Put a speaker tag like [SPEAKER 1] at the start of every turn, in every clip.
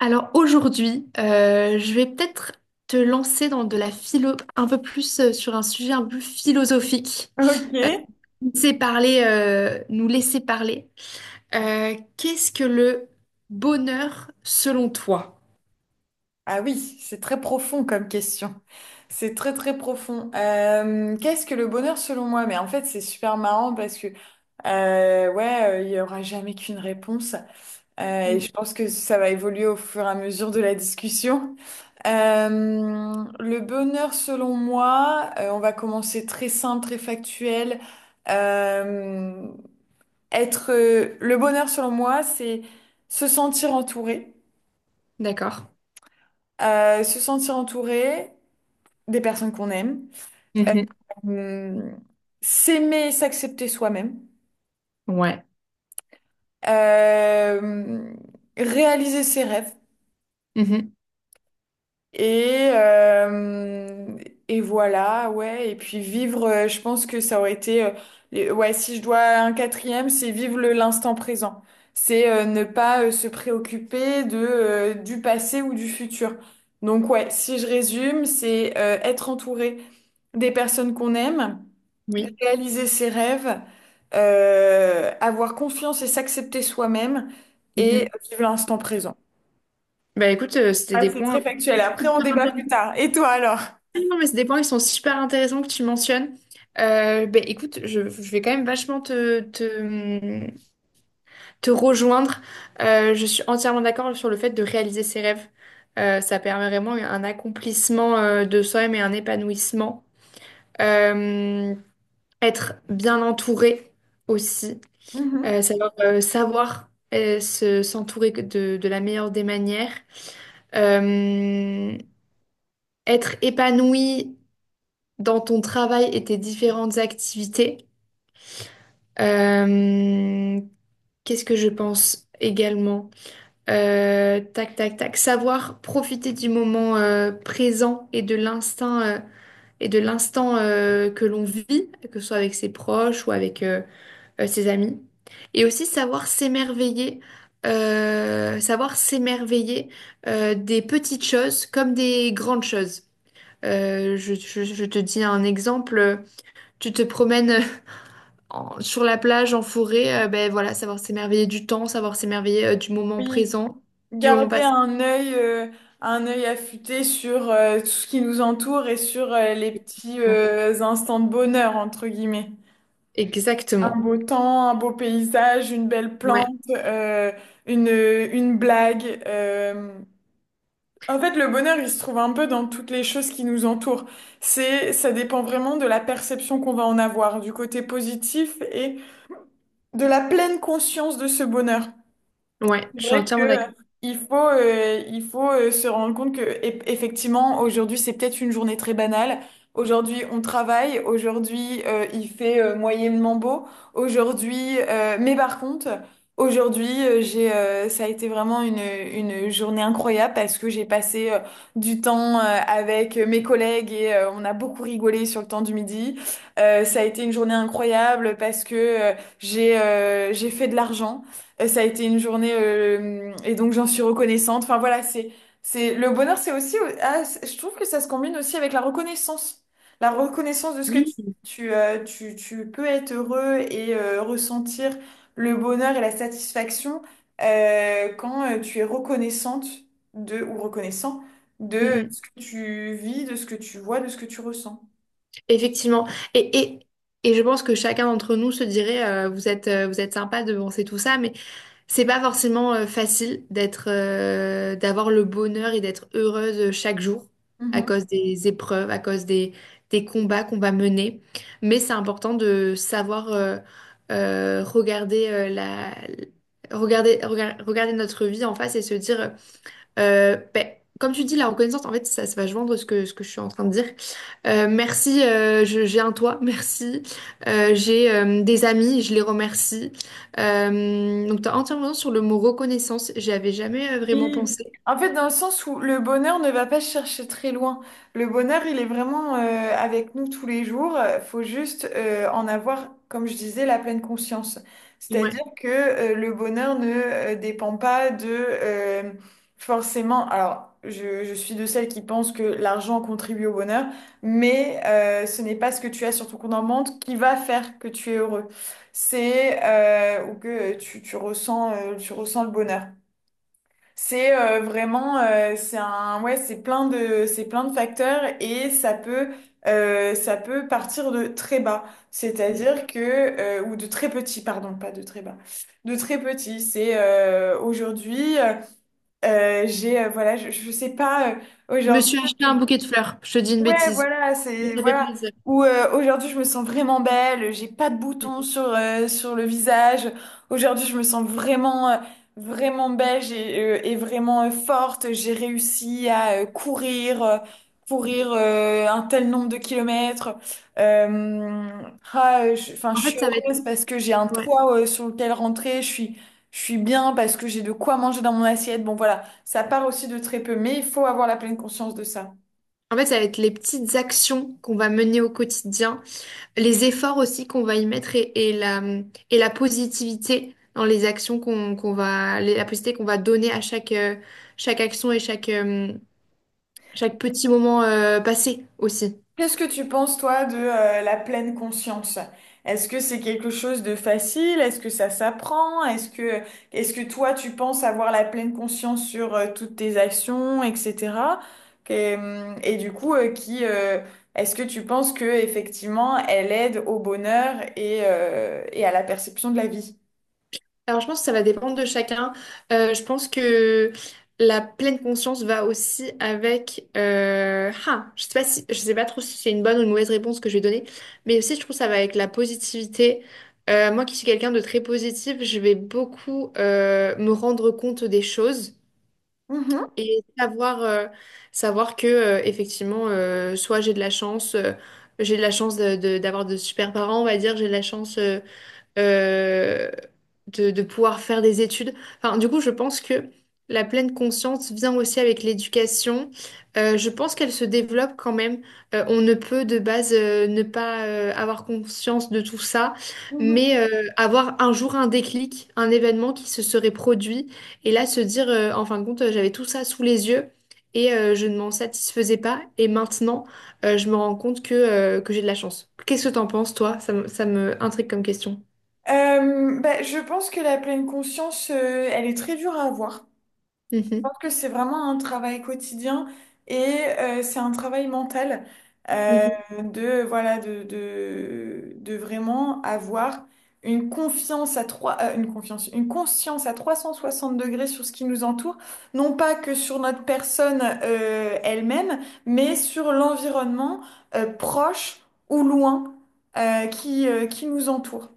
[SPEAKER 1] Alors aujourd'hui, je vais peut-être te lancer dans de la philo, un peu plus sur un sujet un peu philosophique.
[SPEAKER 2] Ok.
[SPEAKER 1] Euh, Laisser parler, nous laisser parler. Qu'est-ce que le bonheur selon toi?
[SPEAKER 2] Ah oui, c'est très profond comme question. C'est très très profond. Qu'est-ce que le bonheur selon moi? Mais en fait, c'est super marrant parce que ouais, il y aura jamais qu'une réponse. Et
[SPEAKER 1] Mm.
[SPEAKER 2] je pense que ça va évoluer au fur et à mesure de la discussion. Euh, le bonheur selon moi, on va commencer très simple, très factuel. Euh, être Le bonheur selon moi, c'est se sentir entouré.
[SPEAKER 1] D'accord.
[SPEAKER 2] Se sentir entouré des personnes qu'on aime,
[SPEAKER 1] Mhm.
[SPEAKER 2] euh, s'aimer et s'accepter soi-même,
[SPEAKER 1] Ouais.
[SPEAKER 2] euh, réaliser ses rêves
[SPEAKER 1] Mhm.
[SPEAKER 2] et, euh, et voilà, ouais, et puis vivre, je pense que ça aurait été, ouais, si je dois un quatrième, c'est vivre l'instant présent. C'est ne pas se préoccuper du passé ou du futur. Donc ouais, si je résume, c'est être entouré des personnes qu'on aime
[SPEAKER 1] Oui.
[SPEAKER 2] réaliser ses rêves, avoir confiance et s'accepter soi-même et
[SPEAKER 1] Mhm.
[SPEAKER 2] vivre l'instant présent.
[SPEAKER 1] Bah écoute, c'était
[SPEAKER 2] Ah,
[SPEAKER 1] des
[SPEAKER 2] c'est
[SPEAKER 1] points
[SPEAKER 2] très factuel. Après, on débat plus
[SPEAKER 1] intéressants.
[SPEAKER 2] tard. Et toi alors?
[SPEAKER 1] Non, mais c'est des points qui sont super intéressants que tu mentionnes. Bah écoute, je vais quand même vachement te rejoindre. Je suis entièrement d'accord sur le fait de réaliser ses rêves. Ça permet vraiment un accomplissement de soi-même et un épanouissement. Euh, Être bien entouré aussi.
[SPEAKER 2] Mhm.
[SPEAKER 1] Savoir, s'entourer de la meilleure des manières. Euh, Être épanoui dans ton travail et tes différentes activités. Euh, Qu'est-ce que je pense également? Tac, tac, tac. Savoir profiter du moment présent et de l'instant que l'on vit, que ce soit avec ses proches ou avec ses amis. Et aussi savoir s'émerveiller des petites choses comme des grandes choses. Je te dis un exemple, tu te promènes sur la plage, en forêt, ben voilà, savoir s'émerveiller du temps, savoir s'émerveiller du moment
[SPEAKER 2] Oui,
[SPEAKER 1] présent, du moment
[SPEAKER 2] garder
[SPEAKER 1] passé.
[SPEAKER 2] un œil affûté sur tout ce qui nous entoure et sur les petits
[SPEAKER 1] Bon,
[SPEAKER 2] instants de bonheur, entre guillemets. Un
[SPEAKER 1] exactement.
[SPEAKER 2] beau temps, un beau paysage, une belle
[SPEAKER 1] Ouais,
[SPEAKER 2] plante, une blague. En fait, le bonheur, il se trouve un peu dans toutes les choses qui nous entourent. Ça dépend vraiment de la perception qu'on va en avoir, du côté positif et de la pleine conscience de ce bonheur.
[SPEAKER 1] ouais,
[SPEAKER 2] C'est
[SPEAKER 1] je suis
[SPEAKER 2] vrai que
[SPEAKER 1] entièrement d'accord.
[SPEAKER 2] il faut se rendre compte que effectivement aujourd'hui c'est peut-être une journée très banale. Aujourd'hui on travaille, aujourd'hui il fait moyennement beau, aujourd'hui mais par contre aujourd'hui j'ai ça a été vraiment une journée incroyable parce que j'ai passé du temps avec mes collègues et on a beaucoup rigolé sur le temps du midi. Ça a été une journée incroyable parce que j'ai fait de l'argent. Et ça a été une journée et donc j'en suis reconnaissante. Enfin voilà, c'est le bonheur, c'est aussi je trouve que ça se combine aussi avec la reconnaissance de ce que tu peux être heureux et ressentir le bonheur et la satisfaction quand tu es reconnaissante de ou reconnaissant
[SPEAKER 1] Mm,
[SPEAKER 2] de
[SPEAKER 1] mm.
[SPEAKER 2] ce que tu vis, de ce que tu vois, de ce que tu ressens.
[SPEAKER 1] Effectivement. Et, et, et je pense que chacun d'entre nous se dirait, vous êtes sympa de penser tout ça, mais c'est pas forcément facile d'avoir le bonheur et d'être heureuse chaque jour à
[SPEAKER 2] Mhm.
[SPEAKER 1] cause des épreuves, des combats qu'on va mener. Mais c'est important de savoir regarder regarder notre vie en face et se dire. Ben, comme tu dis, la reconnaissance, en fait, ça va joindre ce que je suis en train de dire. J'ai un toit, merci. J'ai des amis, je les remercie. Donc, tu as entièrement raison sur le mot reconnaissance. J'y avais jamais vraiment
[SPEAKER 2] Oui.
[SPEAKER 1] pensé.
[SPEAKER 2] En fait, dans le sens où le bonheur ne va pas chercher très loin. Le bonheur, il est vraiment avec nous tous les jours. Il faut juste en avoir, comme je disais, la pleine conscience.
[SPEAKER 1] Ouais.
[SPEAKER 2] C'est-à-dire que le bonheur ne dépend pas de forcément. Alors, je suis de celles qui pensent que l'argent contribue au bonheur, mais ce n'est pas ce que tu as sur ton compte en banque qui va faire que tu es heureux. C'est ou que tu ressens le bonheur. C'est vraiment, ouais, c'est plein de facteurs et ça peut partir de très bas,
[SPEAKER 1] Mm.
[SPEAKER 2] c'est-à-dire que, ou de très petit, pardon, pas de très bas, de très petit. C'est aujourd'hui, voilà, je sais pas,
[SPEAKER 1] Je me
[SPEAKER 2] aujourd'hui,
[SPEAKER 1] suis acheté un bouquet de fleurs. Je te dis une
[SPEAKER 2] ouais,
[SPEAKER 1] bêtise.
[SPEAKER 2] voilà,
[SPEAKER 1] Mais
[SPEAKER 2] c'est
[SPEAKER 1] ça fait
[SPEAKER 2] voilà.
[SPEAKER 1] plaisir.
[SPEAKER 2] Ou aujourd'hui je me sens vraiment belle, j'ai pas de
[SPEAKER 1] Mm.
[SPEAKER 2] boutons sur le visage. Aujourd'hui je me sens vraiment belle et vraiment forte. J'ai réussi à courir un tel nombre de kilomètres. Euh, enfin je
[SPEAKER 1] En
[SPEAKER 2] suis
[SPEAKER 1] fait, ça va être,
[SPEAKER 2] heureuse parce que j'ai un
[SPEAKER 1] ouais.
[SPEAKER 2] toit sur lequel rentrer. Je suis bien parce que j'ai de quoi manger dans mon assiette. Bon voilà, ça part aussi de très peu, mais il faut avoir la pleine conscience de ça.
[SPEAKER 1] En fait, ça va être les petites actions qu'on va mener au quotidien, les efforts aussi qu'on va y mettre et la positivité dans les actions la positivité qu'on va donner à chaque action et chaque petit moment passé aussi.
[SPEAKER 2] Qu'est-ce que tu penses, toi, de la pleine conscience? Est-ce que c'est quelque chose de facile? Est-ce que ça s'apprend? Est-ce que toi, tu penses avoir la pleine conscience sur toutes tes actions, etc.? Et du coup, est-ce que tu penses que effectivement, elle aide au bonheur et à la perception de la vie?
[SPEAKER 1] Alors, je pense que ça va dépendre de chacun. Je pense que la pleine conscience va aussi avec. Je sais pas trop si c'est une bonne ou une mauvaise réponse que je vais donner, mais aussi je trouve que ça va avec la positivité. Moi qui suis quelqu'un de très positif, je vais beaucoup me rendre compte des choses
[SPEAKER 2] Mhm,
[SPEAKER 1] et savoir que effectivement, soit j'ai de la chance, j'ai de la chance d'avoir de super parents, on va dire, j'ai de la chance. Euh, de pouvoir faire des études. Enfin, du coup, je pense que la pleine conscience vient aussi avec l'éducation. Je pense qu'elle se développe quand même. On ne peut de base ne pas avoir conscience de tout ça,
[SPEAKER 2] mhm.
[SPEAKER 1] mais avoir un jour un déclic, un événement qui se serait produit, et là se dire, en fin de compte, j'avais tout ça sous les yeux. Et je ne m'en satisfaisais pas. Et maintenant, je me rends compte que j'ai de la chance. Qu'est-ce que t'en penses, toi? Ça me intrigue comme question.
[SPEAKER 2] Bah, je pense que la pleine conscience, elle est très dure à avoir.
[SPEAKER 1] Mhm,
[SPEAKER 2] Pense que c'est vraiment un travail quotidien et c'est un travail mental, euh,
[SPEAKER 1] mhm.
[SPEAKER 2] de voilà de vraiment avoir une conscience à 360 degrés sur ce qui nous entoure, non pas que sur notre personne elle-même mais sur l'environnement proche ou loin qui nous entoure,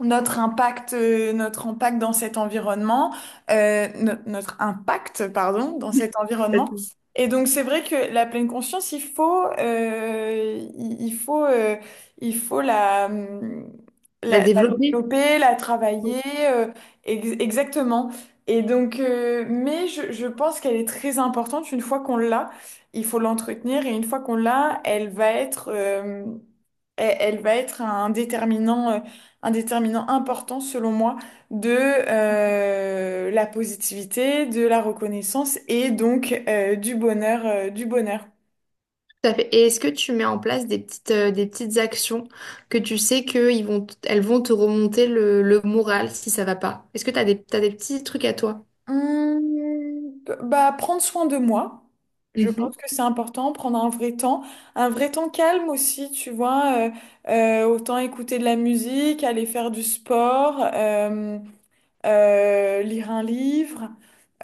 [SPEAKER 2] notre impact dans cet environnement, notre impact, pardon, dans cet
[SPEAKER 1] Pas
[SPEAKER 2] environnement.
[SPEAKER 1] tout.
[SPEAKER 2] Et donc c'est vrai que la pleine conscience, il faut la, hum,
[SPEAKER 1] La
[SPEAKER 2] la, la
[SPEAKER 1] développer,
[SPEAKER 2] développer, la travailler, euh, exactement. Et donc, mais je pense qu'elle est très importante. Une fois qu'on l'a, il faut l'entretenir. Et une fois qu'on l'a, elle va être un déterminant important selon moi de la positivité, de la reconnaissance et donc du bonheur.
[SPEAKER 1] tout à fait. Et est-ce que tu mets en place des des petites actions que tu sais que elles vont te remonter le moral si ça va pas? Est-ce que tu t'as des petits trucs à toi?
[SPEAKER 2] Hum, Bah, prendre soin de moi. Je
[SPEAKER 1] Mhm,
[SPEAKER 2] pense que c'est important, prendre un vrai temps calme aussi, tu vois. Autant écouter de la musique, aller faire du sport. Lire un livre.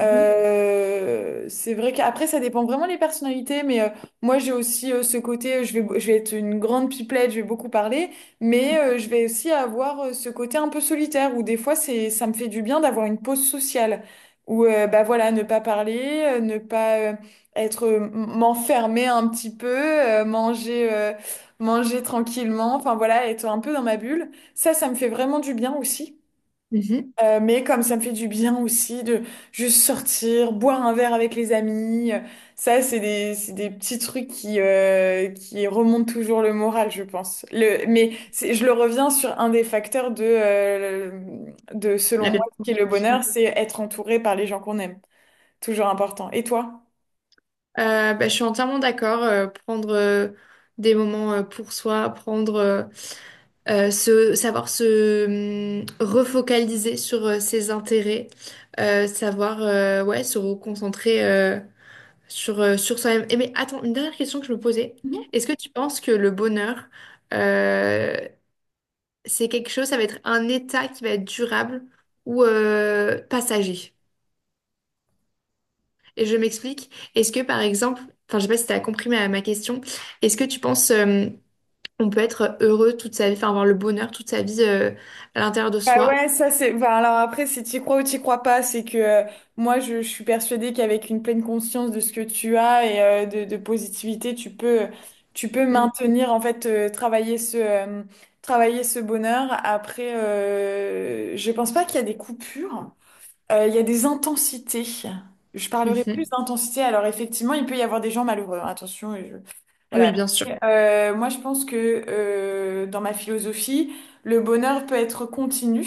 [SPEAKER 1] mhm,
[SPEAKER 2] C'est vrai qu'après, ça dépend vraiment des personnalités, mais moi, j'ai aussi ce côté, je vais être une grande pipelette, je vais beaucoup parler, mais je vais aussi avoir ce côté un peu solitaire, où des fois, ça me fait du bien d'avoir une pause sociale, où, bah voilà, ne pas parler, ne pas être, m'enfermer un petit peu, manger tranquillement, enfin voilà, être un peu dans ma bulle. Ça me fait vraiment du bien aussi.
[SPEAKER 1] mhm.
[SPEAKER 2] Mais comme ça me fait du bien aussi de juste sortir, boire un verre avec les amis, ça c'est des petits trucs qui remontent toujours le moral, je pense. Mais je le reviens sur un des facteurs de, selon
[SPEAKER 1] La
[SPEAKER 2] moi,
[SPEAKER 1] perte
[SPEAKER 2] ce qui est le
[SPEAKER 1] conscience, ouais.
[SPEAKER 2] bonheur, c'est être entouré par les gens qu'on aime. Toujours important. Et toi?
[SPEAKER 1] Bah, je suis entièrement d'accord. Prendre des moments pour soi, savoir se refocaliser sur ses intérêts, savoir ouais, se reconcentrer. Sur, sur soi-même. Et mais attends, une dernière question que je me posais. Est-ce que tu penses que le bonheur, euh, c'est quelque chose, ça va être un état qui va être durable ou passager? Et je m'explique. Est-ce que par exemple, enfin je sais pas si tu as compris ma question, est-ce que tu penses on peut être heureux toute sa vie, enfin avoir le bonheur toute sa vie à l'intérieur de
[SPEAKER 2] Bah
[SPEAKER 1] soi?
[SPEAKER 2] ouais, ça c'est. Bah alors après, si tu crois ou tu crois pas, c'est que moi je suis persuadée qu'avec une pleine conscience de ce que tu as et de positivité, tu peux
[SPEAKER 1] Mm.
[SPEAKER 2] maintenir en fait, travailler ce bonheur. Après, je pense pas qu'il y a des coupures. Il y a des intensités. Je parlerai plus
[SPEAKER 1] Mhm.
[SPEAKER 2] d'intensité. Alors effectivement, il peut y avoir des gens malheureux, hein, attention, et voilà.
[SPEAKER 1] Oui, bien sûr.
[SPEAKER 2] Moi, je pense que dans ma philosophie, le bonheur peut être continu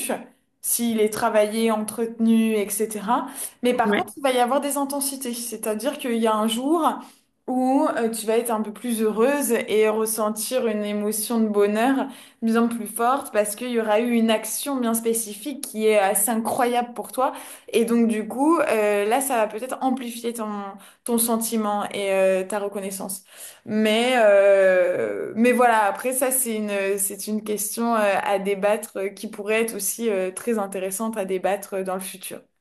[SPEAKER 2] s'il est travaillé, entretenu, etc. Mais par contre,
[SPEAKER 1] Ouais.
[SPEAKER 2] il va y avoir des intensités. C'est-à-dire qu'il y a un jour où tu vas être un peu plus heureuse et ressentir une émotion de bonheur bien plus forte parce qu'il y aura eu une action bien spécifique qui est assez incroyable pour toi. Et donc, du coup, là, ça va peut-être amplifier ton sentiment et ta reconnaissance. Mais voilà, après, ça, c'est une question à débattre qui pourrait être aussi très intéressante à débattre dans le futur.